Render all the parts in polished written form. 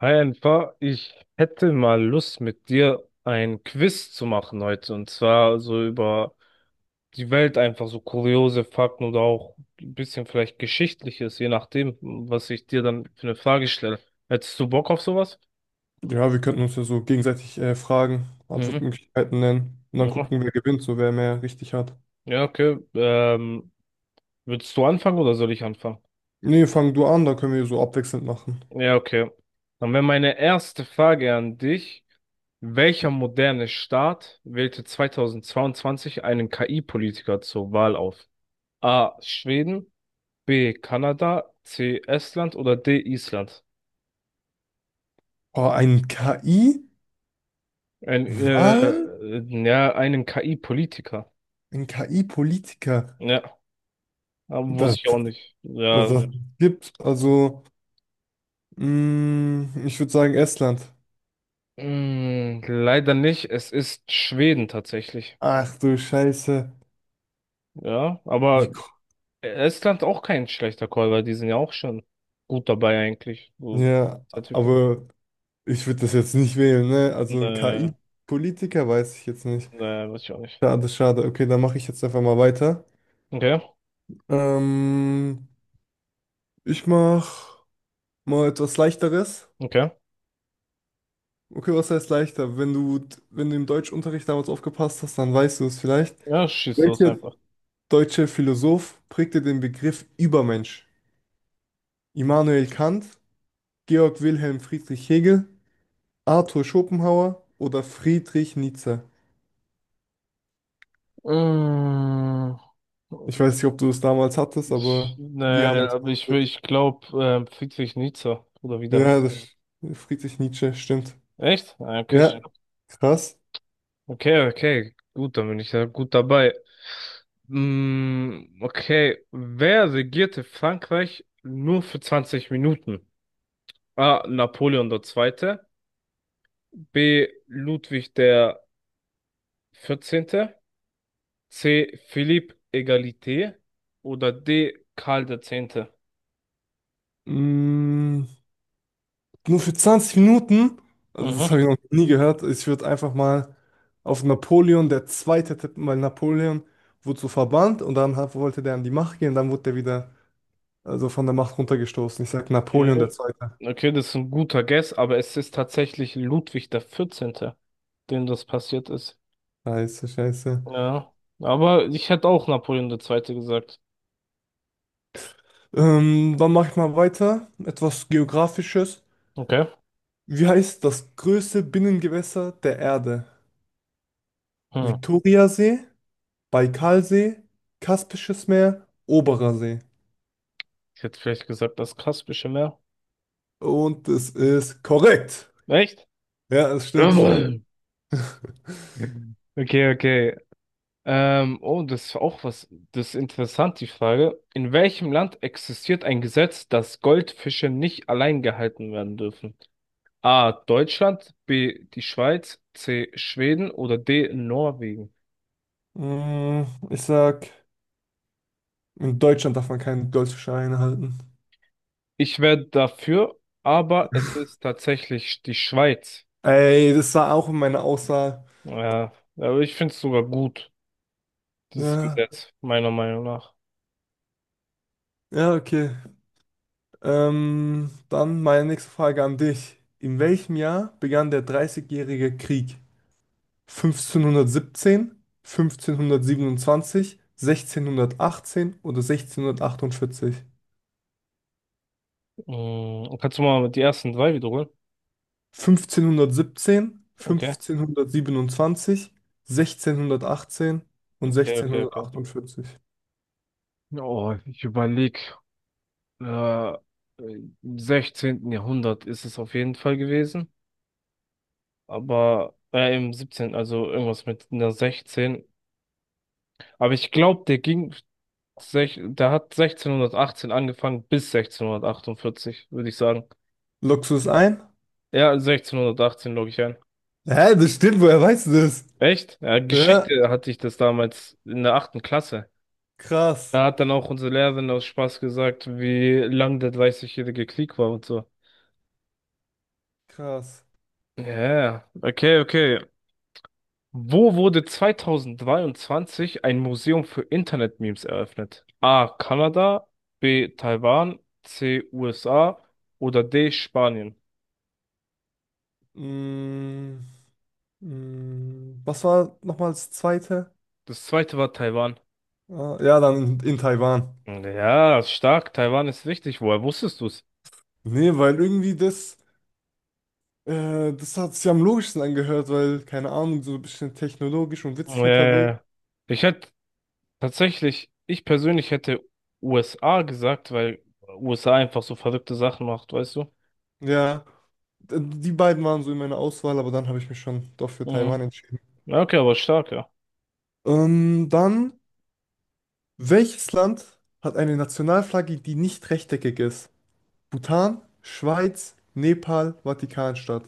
Hi Enfer, ich hätte mal Lust mit dir ein Quiz zu machen heute und zwar so über die Welt, einfach so kuriose Fakten oder auch ein bisschen vielleicht Geschichtliches, je nachdem, was ich dir dann für eine Frage stelle. Hättest du Bock auf sowas? Ja, wir könnten uns ja so gegenseitig Fragen, Mhm. Antwortmöglichkeiten nennen und dann Ja, gucken, wer gewinnt, so wer mehr richtig hat. ja, okay. Willst du anfangen oder soll ich anfangen? Nee, fang du an, da können wir so abwechselnd machen. Ja, okay. Dann wäre meine erste Frage an dich. Welcher moderne Staat wählte 2022 einen KI-Politiker zur Wahl auf? A. Schweden, B. Kanada, C. Estland oder D. Island? Oh, ein KI-Wahl? Ja, einen KI-Politiker. Ein KI-Politiker? Ja, aber Das, wusste ich auch nicht. das, Ja, das gibt, also, ich würde sagen Estland. Leider nicht. Es ist Schweden tatsächlich. Ach du Scheiße. Ja, Wie, aber ko- Estland auch kein schlechter Call, weil die sind ja auch schon gut dabei eigentlich. So, ja, Entwicklung. aber ich würde das jetzt nicht wählen, ne? Äh, Also ein äh, KI-Politiker weiß ich jetzt nicht. Weiß ich auch nicht. Schade, schade. Okay, dann mache ich jetzt einfach mal weiter. Okay, Ähm, Ich mach mal etwas Leichteres. okay. Okay, was heißt leichter? Wenn du im Deutschunterricht damals aufgepasst hast, dann weißt du es vielleicht. Ja, schieß los Welcher einfach. deutsche Philosoph prägte den Begriff Übermensch? Immanuel Kant, Georg Wilhelm Friedrich Hegel, Arthur Schopenhauer oder Friedrich Nietzsche? Mmh. Ich weiß nicht, ob du es damals hattest, aber wir haben Ne, das aber behandelt. ich glaube, Friedrich Nietzsche oder wie Ja, der ja, heißt. das Friedrich Nietzsche, stimmt. Echt? Ah, okay, Ja, ja, krass. okay, okay. Gut, dann bin ich ja gut dabei. Okay, wer regierte Frankreich nur für 20 Minuten? A. Napoleon der Zweite. B. Ludwig der 14. C. Philippe Egalité. Oder D. Karl der Zehnte. Mm, Nur für 20 Minuten? Also das Mhm. habe ich noch nie gehört. Ich würde einfach mal auf Napoleon der Zweite tippen, weil Napoleon wurde so verbannt und dann wollte der an die Macht gehen, dann wurde der wieder, also von der Macht runtergestoßen. Ich sag Napoleon der Okay. Zweite. Okay, das ist ein guter Guess, aber es ist tatsächlich Ludwig der Vierzehnte, dem das passiert ist. Scheiße, scheiße. Ja, aber ich hätte auch Napoleon der Zweite gesagt. Dann mache ich mal weiter. Etwas Geografisches. Okay. Wie heißt das größte Binnengewässer der Erde? Hm. Viktoriasee, Baikalsee, Kaspisches Meer, Oberer See. Ich hätte vielleicht gesagt, das Kaspische Meer. Und es ist korrekt. Echt? Ja, das stimmt, stimmt. Jawohl. Okay, okay. Oh, das ist auch was, das ist interessant, die Frage. In welchem Land existiert ein Gesetz, dass Goldfische nicht allein gehalten werden dürfen? A. Deutschland, B. die Schweiz, C. Schweden oder D. Norwegen? Mm, Ich sag, in Deutschland darf man keinen Golfschein halten. Ich wäre dafür, aber es ist tatsächlich die Schweiz. Ey, das war auch in meiner Aussage. Ja, aber ich finde es sogar gut, dieses Ja, Gesetz, meiner Meinung nach. ja, okay. Dann meine nächste Frage an dich. In welchem Jahr begann der Dreißigjährige Krieg? 1517, 1527, 1618 oder 1648? Kannst du mal die ersten drei wiederholen? 1517, Okay, 1527, 1618 und okay, okay, okay. 1648. Oh, ich überlege, äh, im 16. Jahrhundert ist es auf jeden Fall gewesen, aber im 17., also irgendwas mit einer 16. Aber ich glaube, der hat 1618 angefangen bis 1648, würde ich sagen. Loggst du es ein? Ja, 1618 logge ich ein. Hä, das stimmt, woher weißt du das? Echt? Ja, Ja, Geschichte hatte ich das damals in der achten Klasse. krass, Da hat dann auch unsere Lehrerin aus Spaß gesagt, wie lang der Dreißigjährige Krieg war und so. krass. Ja, yeah. Okay, okay. Wo wurde 2023 ein Museum für Internet-Memes eröffnet? A. Kanada, B. Taiwan, C. USA oder D. Spanien. Mm, was war nochmal das zweite? Das zweite war Taiwan. Ah, ja, dann in Taiwan. Ja, stark. Taiwan ist wichtig. Woher wusstest du's? Nee, weil irgendwie das, das hat sich am logischsten angehört, weil, keine Ahnung, so ein bisschen technologisch und witzig unterwegs. Äh, ich hätte Tatsächlich, ich persönlich hätte USA gesagt, weil USA einfach so verrückte Sachen macht, weißt du? Ja, die beiden waren so in meiner Auswahl, aber dann habe ich mich schon doch für Mhm. Taiwan entschieden. Ja, okay, aber stark, ja. Dann, welches Land hat eine Nationalflagge, die nicht rechteckig ist? Bhutan, Schweiz, Nepal, Vatikanstadt.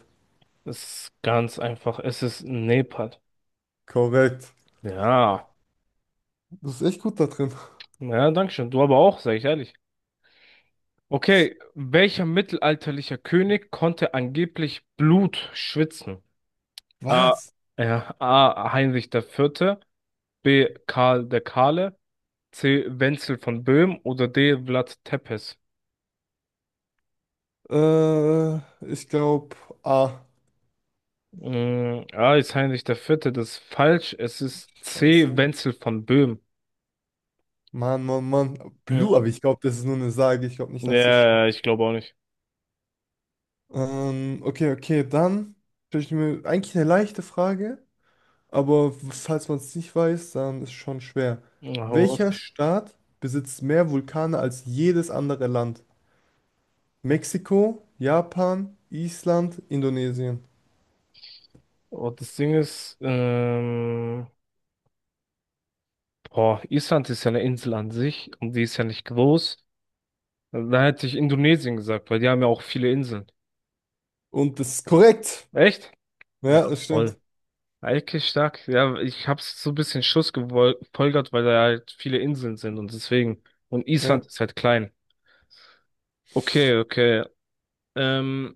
Es ist ganz einfach. Es ist Nepal. Korrekt. Ja. Du bist echt gut da drin. Ja, danke schön. Du aber auch, sag ich ehrlich. Okay, welcher mittelalterlicher König konnte angeblich Blut schwitzen? A. Was? Ja, A. Heinrich der Vierte, B. Karl der Kahle, C. Wenzel von Böhmen oder D. Vlad Tepes? Äh, ich glaube, A. A ist Heinrich der Vierte, das ist falsch. Es ist C. Scheiße. Wenzel von Böhmen. Mann, Mann, Mann. Blue, aber Mhm. ich glaube, das ist nur eine Sage. Ich glaube nicht, dass das stimmt. Ja, ich glaube auch nicht. Okay, okay, dann stelle ich mir eigentlich eine leichte Frage, aber falls man es nicht weiß, dann ist es schon schwer. Na, hau Welcher raus. Staat besitzt mehr Vulkane als jedes andere Land? Mexiko, Japan, Island, Indonesien. Und das Ding ist, boah, Island ist ja eine Insel an sich und die ist ja nicht groß. Da hätte ich Indonesien gesagt, weil die haben ja auch viele Inseln. Und das ist korrekt. Echt? Ja, Ja, das stimmt. voll. Eigentlich stark. Ja, ich hab's so ein bisschen Schuss gefolgert, weil da halt viele Inseln sind und deswegen. Und Ja. Island ist halt klein. Okay, okay. Ähm,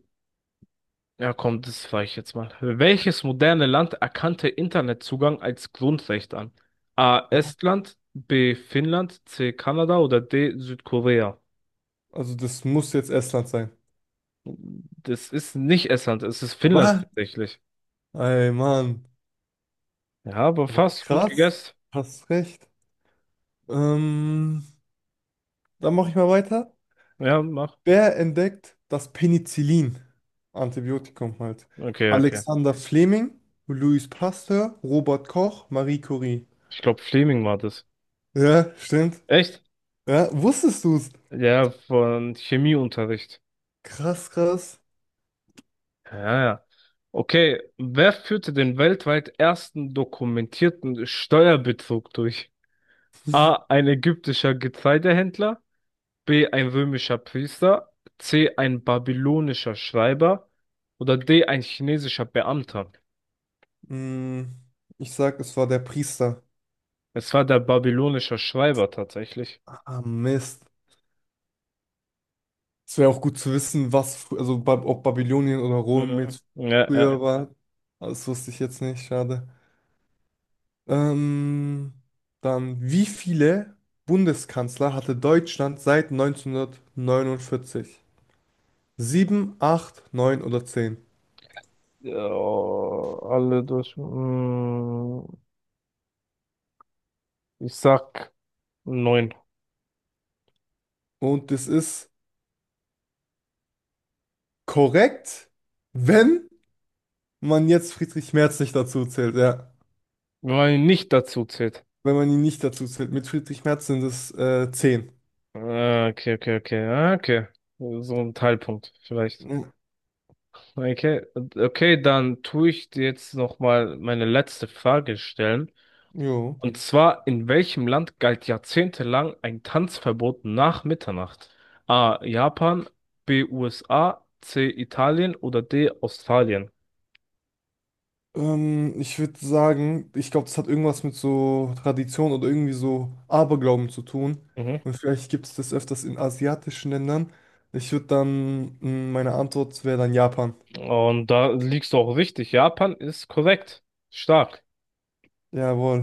Ja, komm, das frage ich jetzt mal. Welches moderne Land erkannte Internetzugang als Grundrecht an? A. Boah. Estland, B. Finnland, C. Kanada oder D. Südkorea? Also das muss jetzt Estland sein. Das ist nicht Estland, es ist Finnland Was? tatsächlich. Ey, Mann. Ja, aber Oh, fast gut krass. gegessen. Hast recht. Ähm, dann mache ich mal weiter. Ja, mach. Wer entdeckt das Penicillin? Antibiotikum halt. Okay, okay. Alexander Fleming, Louis Pasteur, Robert Koch, Marie Curie. Ich glaube, Fleming war das. Ja, stimmt. Echt? Ja, wusstest du es? Ja, von Chemieunterricht. Krass, krass. Ja, ja. Okay, wer führte den weltweit ersten dokumentierten Steuerbetrug durch? A. Ein ägyptischer Getreidehändler. B. Ein römischer Priester. C. Ein babylonischer Schreiber. Oder D. Ein chinesischer Beamter. Hm, ich sag, es war der Priester. Es war der babylonischer Schreiber tatsächlich. Ah, Mist. Es wäre auch gut zu wissen, was, fr- also ba ob Babylonien oder Rom Mhm. jetzt Ja, ja. früher war. Aber das wusste ich jetzt nicht, schade. Ähm, dann, wie viele Bundeskanzler hatte Deutschland seit 1949? Sieben, acht, neun oder zehn? Ja, alle durch. Ich sag neun. Und das ist korrekt, wenn man jetzt Friedrich Merz nicht dazu zählt, ja. Weil nicht dazu zählt. Wenn man ihn nicht dazu zählt. Mit Friedrich Merz sind es zehn. Ah, okay, okay, okay. Ah, okay. So ein Teilpunkt vielleicht. Mhm. Okay, okay, dann tue ich dir jetzt nochmal meine letzte Frage stellen. Jo. Und zwar, in welchem Land galt jahrzehntelang ein Tanzverbot nach Mitternacht? A. Japan, B. USA, C. Italien oder D. Australien? Ich würde sagen, ich glaube, das hat irgendwas mit so Tradition oder irgendwie so Aberglauben zu tun. Mhm. Und vielleicht gibt es das öfters in asiatischen Ländern. Ich würde dann, meine Antwort wäre dann Japan. Und da liegst du auch richtig. Japan ist korrekt. Stark. Jawohl.